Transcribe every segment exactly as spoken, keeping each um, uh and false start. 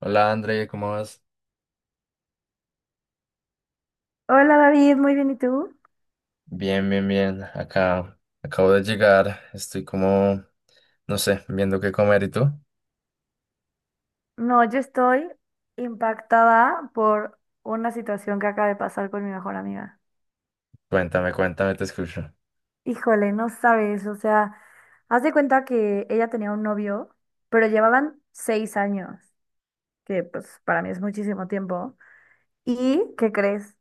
Hola André, ¿cómo vas? Hola David, muy bien, ¿y tú? Bien, bien, bien. Acá acabo de llegar. Estoy como, no sé, viendo qué comer. ¿Y tú? No, yo estoy impactada por una situación que acaba de pasar con mi mejor amiga. Cuéntame, cuéntame, te escucho. Híjole, no sabes, o sea, haz de cuenta que ella tenía un novio, pero llevaban seis años, que pues para mí es muchísimo tiempo. ¿Y qué crees?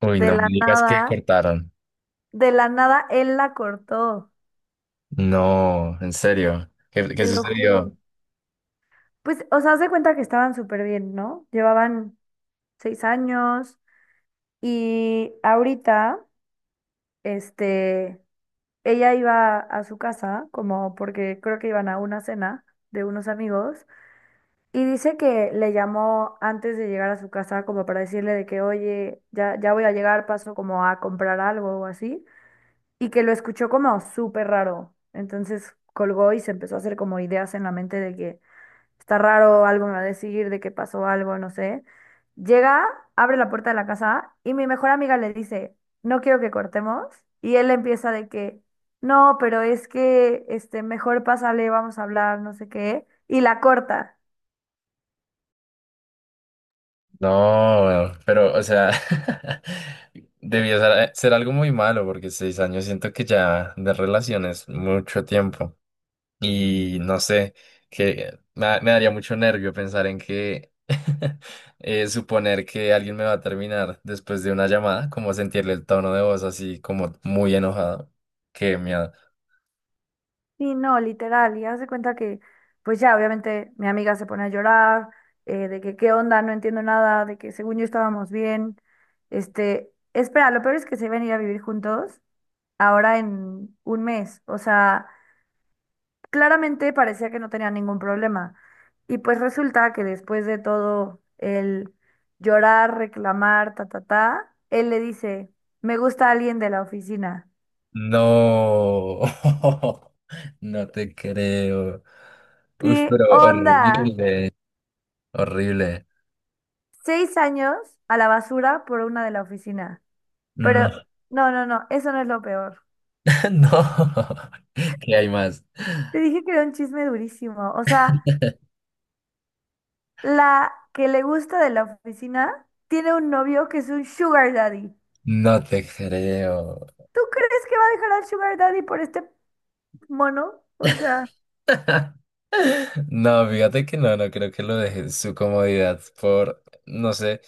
Uy, De no la me digas que nada, cortaron. de la nada él la cortó, No, en serio. ¿Qué, qué te lo juro. sucedió? Pues, o sea, haz de cuenta que estaban súper bien, ¿no? Llevaban seis años y ahorita, este, ella iba a su casa, como porque creo que iban a una cena de unos amigos, y dice que le llamó antes de llegar a su casa como para decirle de que, oye, ya, ya voy a llegar, paso como a comprar algo o así, y que lo escuchó como súper raro. Entonces colgó y se empezó a hacer como ideas en la mente de que está raro, algo me va a decir de que pasó algo, no sé. Llega, abre la puerta de la casa y mi mejor amiga le dice, no quiero que cortemos. Y él empieza de que, no, pero es que, este, mejor pásale, vamos a hablar, no sé qué. Y la corta. No, pero, o sea, debió ser, ser algo muy malo porque seis años siento que ya de relación es mucho tiempo. Y no sé, que me, da- me daría mucho nervio pensar en que eh, suponer que alguien me va a terminar después de una llamada, como sentirle el tono de voz así como muy enojado. Qué miedo. Y no, literal. Y hace cuenta que, pues ya, obviamente mi amiga se pone a llorar, eh, de que qué onda, no entiendo nada, de que según yo estábamos bien. Este, espera, lo peor es que se iban a ir a vivir juntos ahora en un mes. O sea, claramente parecía que no tenía ningún problema. Y pues resulta que después de todo el llorar, reclamar, ta, ta, ta, él le dice, me gusta alguien de la oficina. No, no te creo. Uy, ¿Qué pero onda? horrible, horrible. Seis años a la basura por una de la oficina. Pero No, no, no, no, eso no es lo peor. no. ¿Qué hay más? Te dije que era un chisme durísimo. O sea, la que le gusta de la oficina tiene un novio que es un sugar daddy. No te creo. ¿Tú crees que va a dejar al sugar daddy por este mono? O sea. No, fíjate que no, no creo que lo deje en su comodidad por, no sé,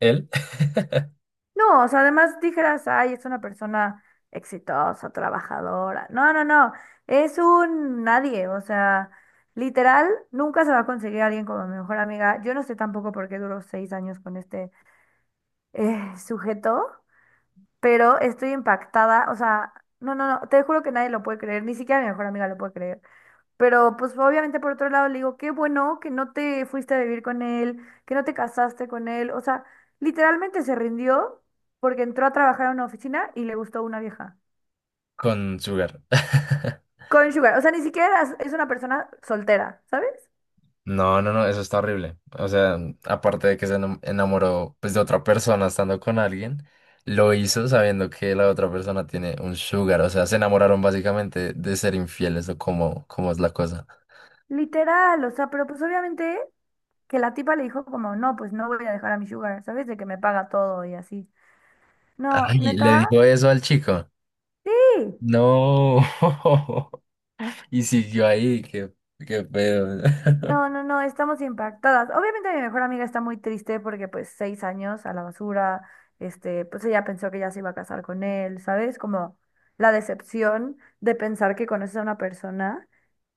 él No, o sea, además dijeras, ay, es una persona exitosa, trabajadora. No, no, no, es un nadie, o sea, literal, nunca se va a conseguir alguien como mi mejor amiga. Yo no sé tampoco por qué duró seis años con este eh, sujeto, pero estoy impactada, o sea, no, no, no, te juro que nadie lo puede creer, ni siquiera mi mejor amiga lo puede creer. Pero pues obviamente por otro lado le digo, qué bueno que no te fuiste a vivir con él, que no te casaste con él. O sea, literalmente se rindió porque entró a trabajar a una oficina y le gustó una vieja. con Sugar. Sugar, o sea, ni siquiera es es una persona soltera, ¿sabes? No, no, no, eso está horrible. O sea, aparte de que se enam- enamoró pues de otra persona estando con alguien, lo hizo sabiendo que la otra persona tiene un Sugar. O sea, se enamoraron básicamente de ser infieles o cómo, cómo es la cosa. Literal, o sea, pero pues obviamente que la tipa le dijo como, no, pues no voy a dejar a mi sugar, ¿sabes? De que me paga todo y así. No, Ay, le neta, dijo eso al chico. sí. No. Y siguió ahí, qué, qué pedo. No, no, no, estamos impactadas. Obviamente mi mejor amiga está muy triste porque pues seis años a la basura, este, pues ella pensó que ya se iba a casar con él, ¿sabes? Como la decepción de pensar que conoces a una persona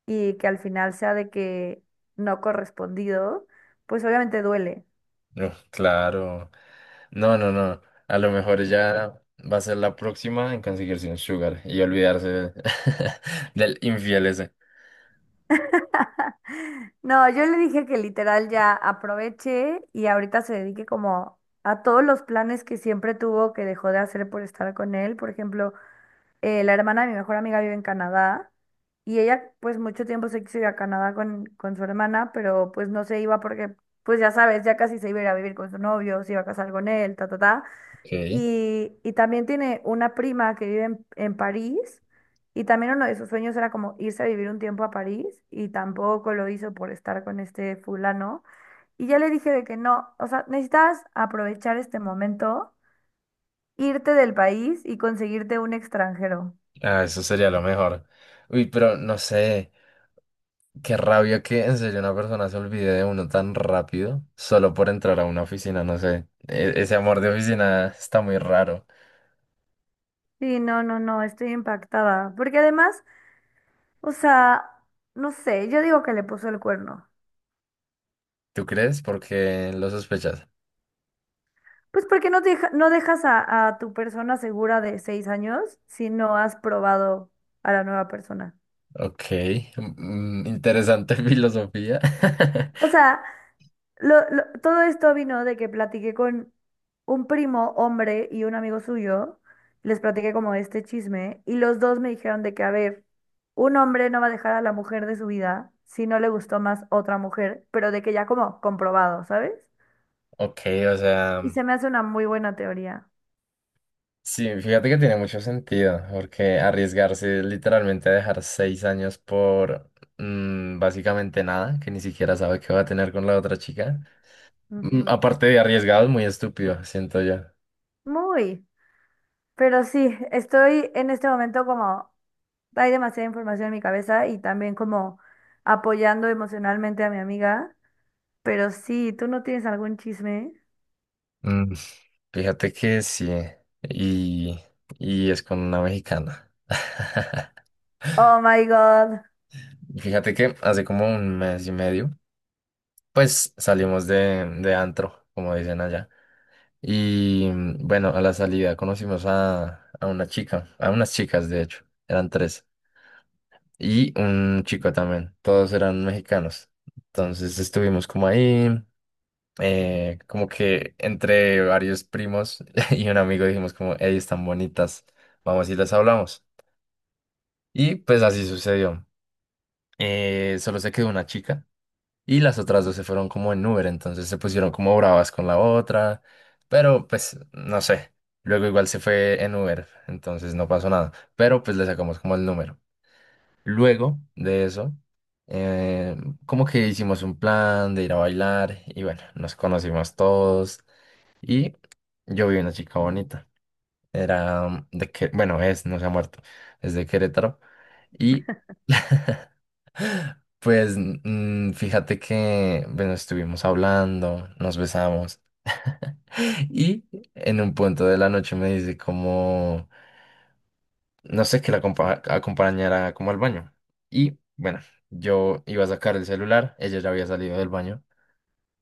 y que al final sea de que no correspondido, pues obviamente duele. Uf, claro. No, no, no. A lo mejor ella va a ser la próxima en conseguirse un sugar y olvidarse de- del infiel ese. No, yo le dije que literal ya aproveche y ahorita se dedique como a todos los planes que siempre tuvo que dejó de hacer por estar con él. Por ejemplo, eh, la hermana de mi mejor amiga vive en Canadá y ella pues mucho tiempo se quiso ir a Canadá con, con su hermana, pero pues no se iba porque pues ya sabes, ya casi se iba a ir a vivir con su novio, se iba a casar con él, ta, ta, ta. Ok. Y, y también tiene una prima que vive en, en París y también uno de sus sueños era como irse a vivir un tiempo a París y tampoco lo hizo por estar con este fulano. Y ya le dije de que no, o sea, necesitas aprovechar este momento, irte del país y conseguirte un extranjero. Ah, eso sería lo mejor. Uy, pero no sé. Qué rabia que en serio una persona se olvide de uno tan rápido solo por entrar a una oficina, no sé. E- ese amor de oficina está muy raro. Sí, no, no, no, estoy impactada. Porque además, o sea, no sé, yo digo que le puso el cuerno. ¿Tú crees? Porque lo sospechas. Pues porque no, deja- no dejas a, a tu persona segura de seis años si no has probado a la nueva persona. Ok. Mm, mm, interesante filosofía. O sea, lo- lo- todo esto vino de que platiqué con un primo hombre y un amigo suyo, les platiqué como este chisme y los dos me dijeron de que, a ver, un hombre no va a dejar a la mujer de su vida si no le gustó más otra mujer, pero de que ya como comprobado, ¿sabes? Ok, o Y sea. se me hace una muy buena teoría. Sí, fíjate que tiene mucho sentido, porque arriesgarse es literalmente a dejar seis años por mm, básicamente nada, que ni siquiera sabe qué va a tener con la otra chica, mm, Ujú. aparte de arriesgado, es muy estúpido, siento yo. Muy. Pero sí, estoy en este momento como, hay demasiada información en mi cabeza y también como apoyando emocionalmente a mi amiga. Pero sí, ¿tú no tienes algún chisme? Mm, Fíjate que sí, y, y es con una mexicana. Oh my God. Fíjate que hace como un mes y medio, pues salimos de, de antro, como dicen allá. Y mm, bueno, a la salida conocimos a, a una chica, a unas chicas de hecho, eran tres, y un chico también, todos eran mexicanos. Entonces estuvimos como ahí, eh, como que entre varios primos y un amigo dijimos como, hey, están bonitas, vamos y les hablamos. Y pues así sucedió. Eh, solo se quedó una chica. Y las otras dos se fueron como en Uber, entonces se pusieron como bravas con la otra, pero pues no sé. Luego igual se fue en Uber, entonces no pasó nada, pero pues le sacamos como el número. Luego de eso, eh, como que hicimos un plan de ir a bailar y bueno, nos conocimos todos y yo vi una chica bonita. Era de que, bueno, es, no se ha muerto, es de Querétaro y pues mm, fíjate que, bueno, estuvimos hablando, nos besamos. Y en un punto de la noche me dice como, no sé, que la acompa- acompañara como al baño. Y bueno, yo iba a sacar el celular, ella ya había salido del baño.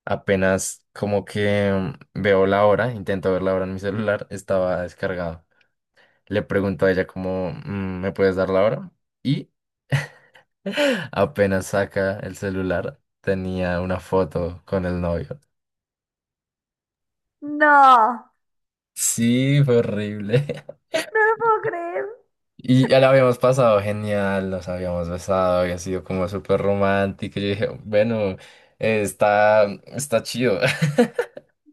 Apenas como que mm, veo la hora, intento ver la hora en mi celular, estaba descargado. Le pregunto a ella como, "Mm, ¿me puedes dar la hora?" Apenas saca el celular, tenía una foto con el novio. No, Sí, fue horrible. no lo puedo creer. Y ya la habíamos pasado genial, nos habíamos besado, había sido como súper romántico. Yo dije, bueno, eh, está, está chido.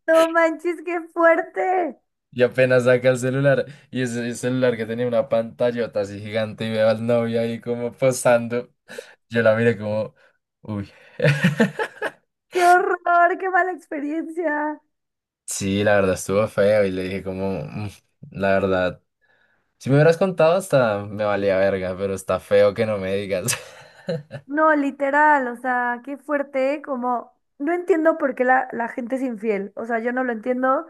No manches, qué fuerte. Y apenas saca el celular, y ese ese celular que tenía una pantallota así gigante, y veo al novio ahí como posando. Yo la miré como, uy. Qué horror, qué mala experiencia. Sí, la verdad estuvo feo, y le dije como, "Mm, la verdad, si me hubieras contado, hasta me valía verga, pero está feo que no me digas." No, literal, o sea, qué fuerte, como no entiendo por qué la, la gente es infiel, o sea, yo no lo entiendo,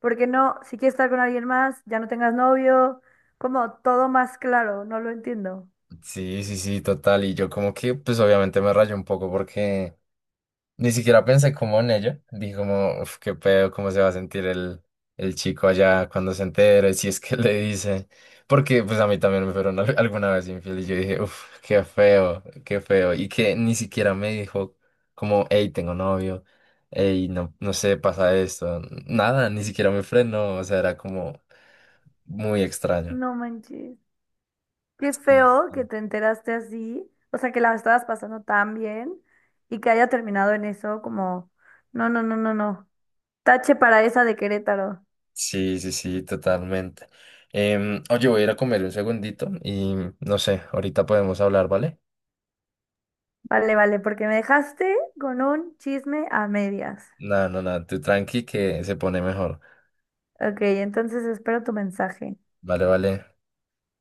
porque no, si quieres estar con alguien más, ya no tengas novio, como todo más claro, no lo entiendo. Sí, sí, sí, total. Y yo como que, pues obviamente me rayo un poco porque ni siquiera pensé como en ello. Dije como, uf, qué pedo, cómo se va a sentir el, el chico allá cuando se entere, si es que le dice. Porque pues a mí también me fueron al- alguna vez infiel y yo dije, uf, qué feo, qué feo. Y que ni siquiera me dijo como, hey, tengo novio, hey, no, no sé, pasa esto. Nada, ni siquiera me frenó. O sea, era como... muy extraño. No manches. Qué Sí. feo que te enteraste así, o sea, que la estabas pasando tan bien y que haya terminado en eso, como, no, no, no, no, no. Tache para esa de Querétaro. Sí, sí, sí, totalmente. Em, oye, voy a ir a comer un segundito y no sé, ahorita podemos hablar, ¿vale? Vale, vale, porque me dejaste con un chisme a medias. Nada, no, nada, tú tranqui que se pone mejor. Ok, entonces espero tu mensaje. Vale, vale.